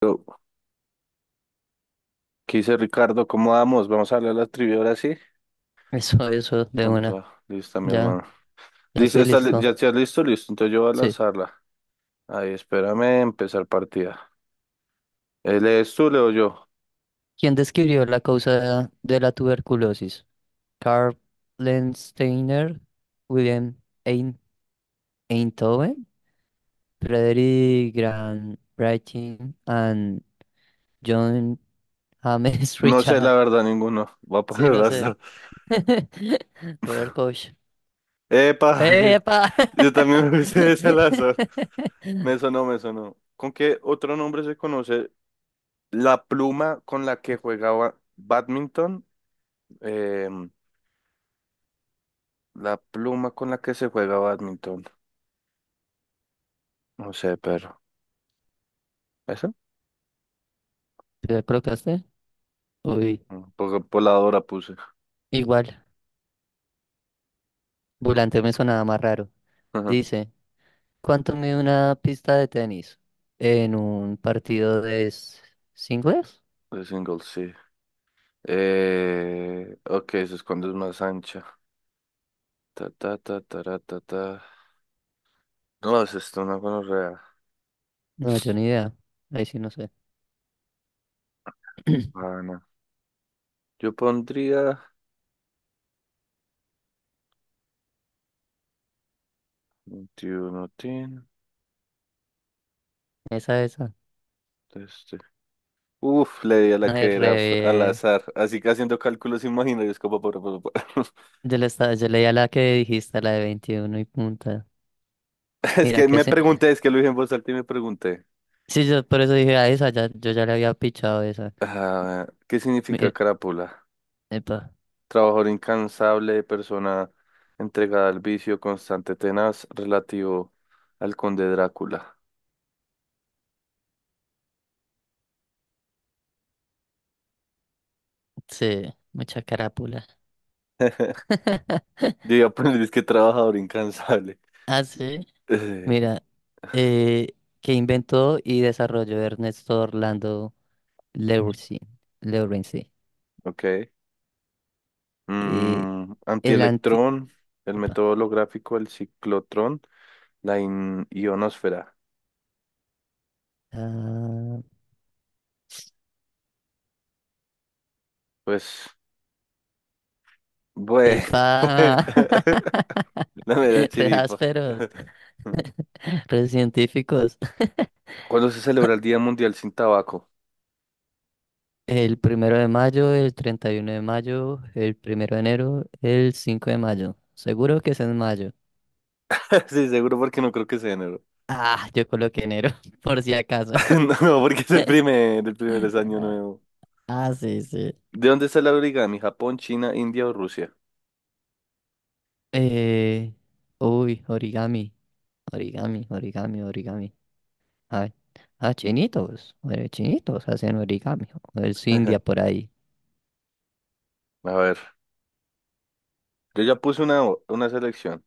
Yo, ¿qué dice Ricardo? ¿Cómo vamos? Vamos a hablar de la trivia ahora sí. Eso, de Con una. toda. Lista, mi Ya, hermano. ya Listo, estoy ¿ya listo. estás listo? Listo. Entonces yo voy a Sí. lanzarla. Ahí, espérame, empezar partida. ¿Lees tú, leo yo? ¿Quién describió la causa de la tuberculosis? Karl Steiner, William Ein- Einthoven, Frederick Grant Brightin, and John James No sé, Richard. la verdad, ninguno. Voy a Sí, poner al no sé. azar. Robert Koch. ¡Epa! Sí. ¡Epa! Yo también me hice ese al azar. Me sonó, me sonó. ¿Con qué otro nombre se conoce la pluma con la que jugaba badminton? Em, la pluma con la que se juega badminton. No sé, pero. ¿Te la colocaste? Uy, Poca voladora puse. igual. Volante me sonaba más raro. Ajá. Dice. ¿Cuánto mide una pista de tenis en un partido de singles? De single, sí. Ok, eso es cuando es más ancha. Ta, ta, ta, ta, ta, ta. No, es esto una gonorrea. No, yo ni idea. Ahí sí no sé. Ah, no. Yo pondría 21, tin, Esa, esa. este. Uf, le di a la No, que es era al re... azar. Así que haciendo cálculos imaginarios como Yo leía la que dijiste, la de 21 y punta. Es Mira que que me sí. pregunté, es que lo dije en voz alta y me pregunté. Sí, yo por eso dije a esa, ya, yo ya le había pichado esa. Ah, ¿qué significa Mira, crápula? epa, Trabajador incansable, persona entregada al vicio, constante, tenaz, relativo al conde Drácula. sí, mucha carápula. Yo iba a poner, es que trabajador incansable. Ah, sí. Eh, Mira, eh, que inventó y desarrolló Ernesto Orlando Lewinson. ok. Eh, el anti... Antielectrón, el Epa. método holográfico, el ciclotrón, la ionosfera. Ah, Pues, bueno, epa. no me da Re chiripa. ásperos, re científicos. ¿Cuándo se celebra el Día Mundial sin Tabaco? El primero de mayo, el 31 de mayo, el primero de enero, el 5 de mayo. Seguro que es en mayo. Sí, seguro porque no creo que sea enero. Ah, yo coloqué enero, por si acaso. No, no, porque es el primer, el primer es año nuevo. Ah, sí, sí. ¿De dónde está la origami? ¿Japón, China, India o Rusia? Eh, uy, origami. Origami, origami, origami. Ah, ah, chinitos, chinitos hacen origami. O es India por ahí. A ver, yo ya puse una selección.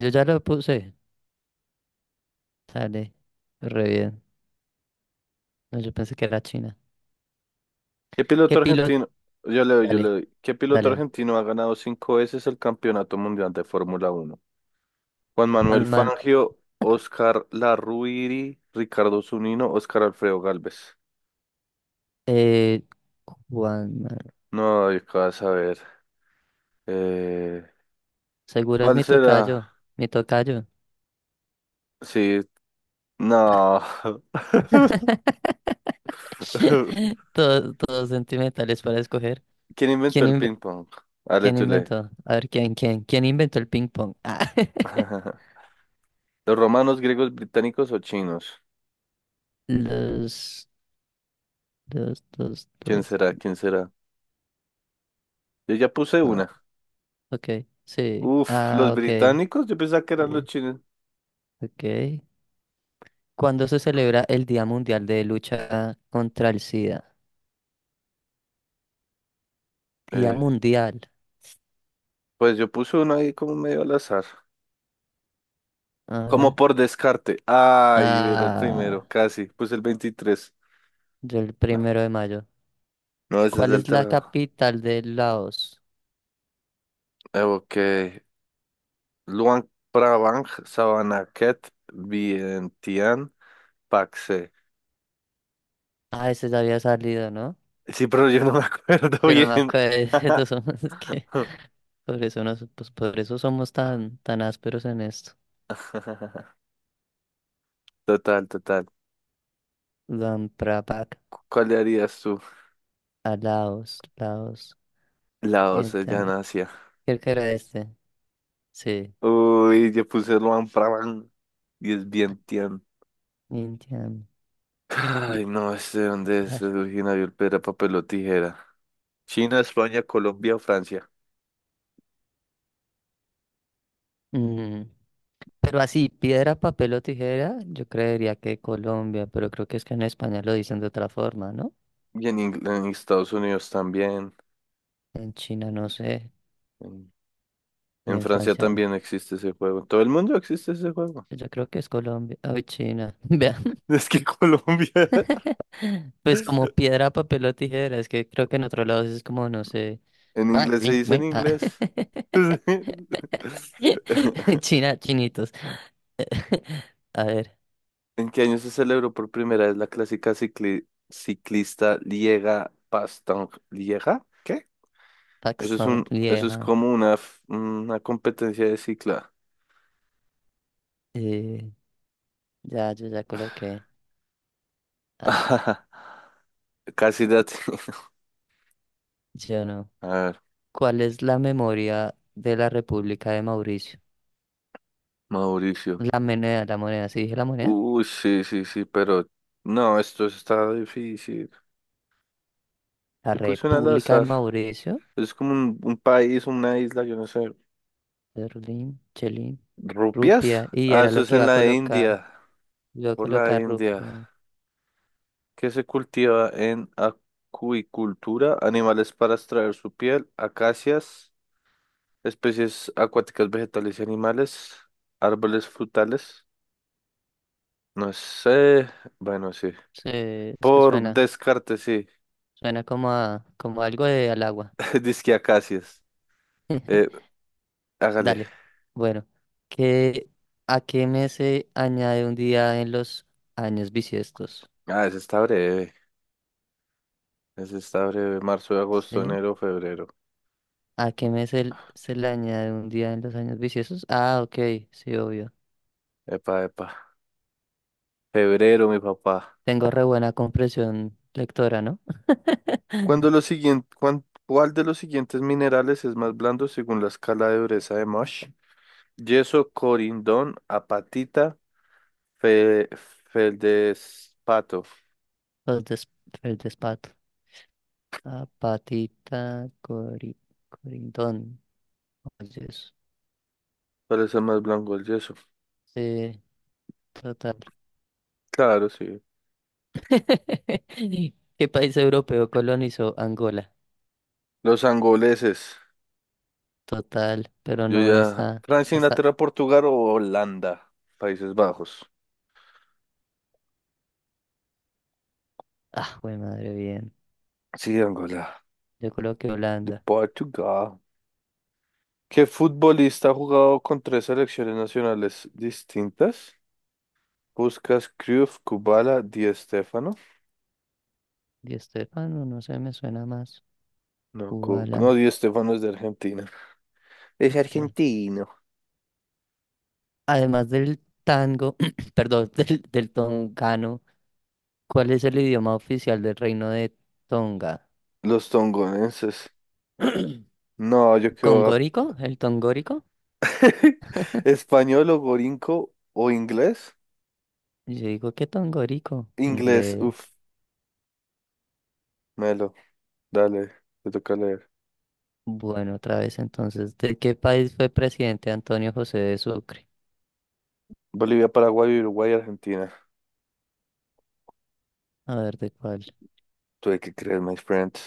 Yo ya lo puse. Dale, re bien. No, yo pensé que era China. ¿Qué piloto ¿Qué piloto? argentino? Yo le doy, yo le Dale, doy. ¿Qué piloto dale, dale. argentino ha ganado cinco veces el Campeonato Mundial de Fórmula Uno? Juan Manuel Juan Man, Fangio, Oscar Larruiri, Ricardo Zunino, Oscar Alfredo Gálvez. eh, Juan Man. No, yo qué vas a ver. Eh, Seguro es ¿Cuál mi será? tocayo, mi tocayo. Sí, no. Todos, todos sentimentales para escoger. ¿Quién inventó ¿Quién, el inve- ping pong? Ale, ¿Quién tú lee. inventó? A ver, ¿quién, quién? ¿Quién inventó el ping pong? Ah, ¿Los romanos, griegos, británicos o chinos? Los, los, ¿Quién los. será? ¿Quién será? Yo ya puse Ah, una. ok, sí. Uf, Ah, los ok. británicos, yo pensaba que eran los Sí, chinos. ok. ¿Cuándo se celebra el Día Mundial de Lucha contra el SIDA? Día Eh, Mundial. pues yo puse uno ahí como medio al azar. A Como ver. por descarte. Ay, era el primero, Ah, casi. Puse el 23. yo el No, primero de mayo. no, ese es ¿Cuál del es la trabajo. capital de Laos? Ok. Luang Prabang, Savanaket, Vientiane, Paxe. Ah, ese ya había salido, ¿no? Sí, pero yo no me acuerdo Yo no me bien. acuerdo. Es que por eso nos, pues por eso somos tan, tan ásperos en esto. Total, total. Luang Prabang ¿Cuál le harías tú? a Laos, Laos. La 12 ya Vientiane. Oceanasia. Creo que era este. Sí. Uy, yo puse Luan Prabang y es bien Tian. Vientiane. D- Ay, no, ¿dónde es ah, originario el piedra, papel o tijera? China, España, Colombia o Francia. Mm. Pero así, piedra, papel o tijera, yo creería que Colombia, pero creo que es que en España lo dicen de otra forma, ¿no? Y en Estados Unidos también. En China no sé, En, y en en Francia Francia, también existe ese juego. En todo el mundo existe ese juego. pues yo creo que es Colombia, ay, China, vean, Es que Colombia. pues como piedra, papel o tijera, es que creo que en otros lados es como, no sé, En ay, inglés se wing, dice en wing, ah. inglés. China, chinitos, a ver, ¿En qué año se celebró por primera vez la clásica ciclista Liega Bastogne? ¿Liega? ¿Qué? Pakistán, Eso es vieja, como una, una competencia de cicla. eh, ya, yo ya coloqué, ah, Casi date. yo no, A ver, ¿cuál es la memoria de la República de Mauricio? Mauricio. La moneda, sí dije la moneda. Uy, sí, sí, sí, pero no, esto está difícil. La Yo puse una al República de azar. Mauricio, Es como un país, una isla, yo no sé. Berlín, Chelín, ¿Rupias? Rupia. Y Ah, era eso lo es que iba en a la colocar. India. Iba a Por la colocar India. Rupia. Que se cultiva en acuicultura, animales para extraer su piel, acacias, especies acuáticas, vegetales y animales, árboles frutales, no sé, bueno, sí, Sí, es que por suena. descarte, sí, Suena como a, como algo de al agua. disque acacias, eh, hágale, Dale. Bueno, ¿qué, ¿a qué mes se añade un día en los años bisiestos? ah, ese está breve, marzo, agosto, ¿Sí? enero, febrero, ¿A qué mes se le añade un día en los años bisiestos? Ah, ok, sí, obvio. epa, epa, febrero, mi papá. Tengo re buena comprensión lectora, ¿no? ¿Cuándo lo siguiente, cuál de los siguientes minerales es más blando según la escala de dureza de Mosh? Yeso, corindón, apatita, fe, feldespato. Los des- el despato. La patita cori- corindón. Oye, eso. Parece más blanco el yeso. Sí, total. Claro, sí. ¿Qué país europeo colonizó Angola? Los angoleses. Total, pero Yo no, no ya. está. Francia, Está. Inglaterra, Portugal o Holanda. Países Bajos. Ah, güey, madre, bien. Sí, Angola. Yo creo que De Holanda. Portugal. ¿Qué futbolista ha jugado con tres selecciones nacionales distintas? ¿Buscas Cruyff, Kubala, Di Stéfano? Di Estefano, no no sé, me suena más. No, no, Ubala. Di Stéfano es de Argentina. Es Ok. argentino. Además del tango, perdón, del tongano, ¿cuál es el idioma oficial del reino de Tonga? Los tongonenses. No, yo quedo ¿Congórico? ¿El tongórico? español o gorinco o inglés. Y yo digo, ¿qué tongorico? Inglés, uff, Inglés. Melo, dale, te toca leer. Bueno, otra vez entonces, ¿de qué país fue presidente Antonio José de Sucre? Bolivia, Paraguay, Uruguay, Argentina. A ver, ¿de cuál? Tuve que creer, my friend.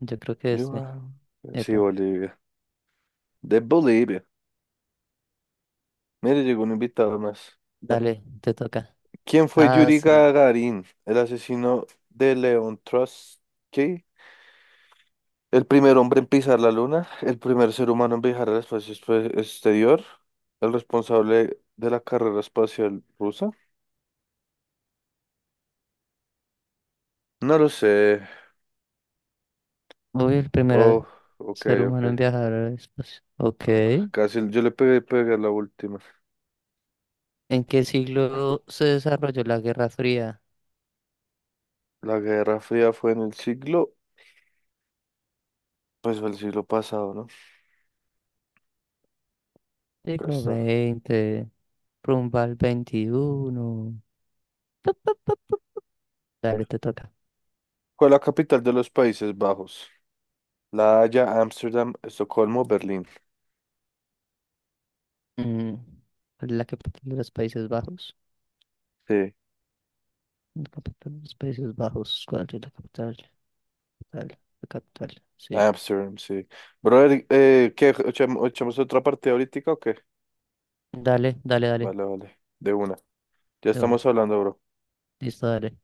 Yo creo que You este. are- Sí, Epa, Bolivia. De Bolivia. Mire, llegó un invitado más. dale, te toca. ¿Quién fue Ah, Yuri sí. Gagarin, el asesino de León Trotsky? El primer hombre en pisar la luna, el primer ser humano en viajar al espacio exterior, el responsable de la carrera espacial rusa. No lo sé. Uy, el primer Oh, ok, ser ok. humano en viajar al espacio. Ok. Ugh, casi yo le pegué a la última. ¿En qué siglo se desarrolló la Guerra Fría? La Guerra Fría fue en el siglo, pues fue el siglo pasado, ¿no? Acá Siglo está. 20 rumbo al XXI. Dale, te toca. ¿Cuál es la capital de los Países Bajos? La Haya, Ámsterdam, Estocolmo, Berlín. Mm, la capital de los Países Bajos. Sí, La capital de los Países Bajos. ¿Cuál es la capital? Capital, la capital. Sí. Ámsterdam, sí. Brother, ¿qué? ¿Echamos otra partida ahorita o qué? Dale, dale, dale. Vale, vale. De una. Ya De una. estamos hablando, bro. Listo, dale.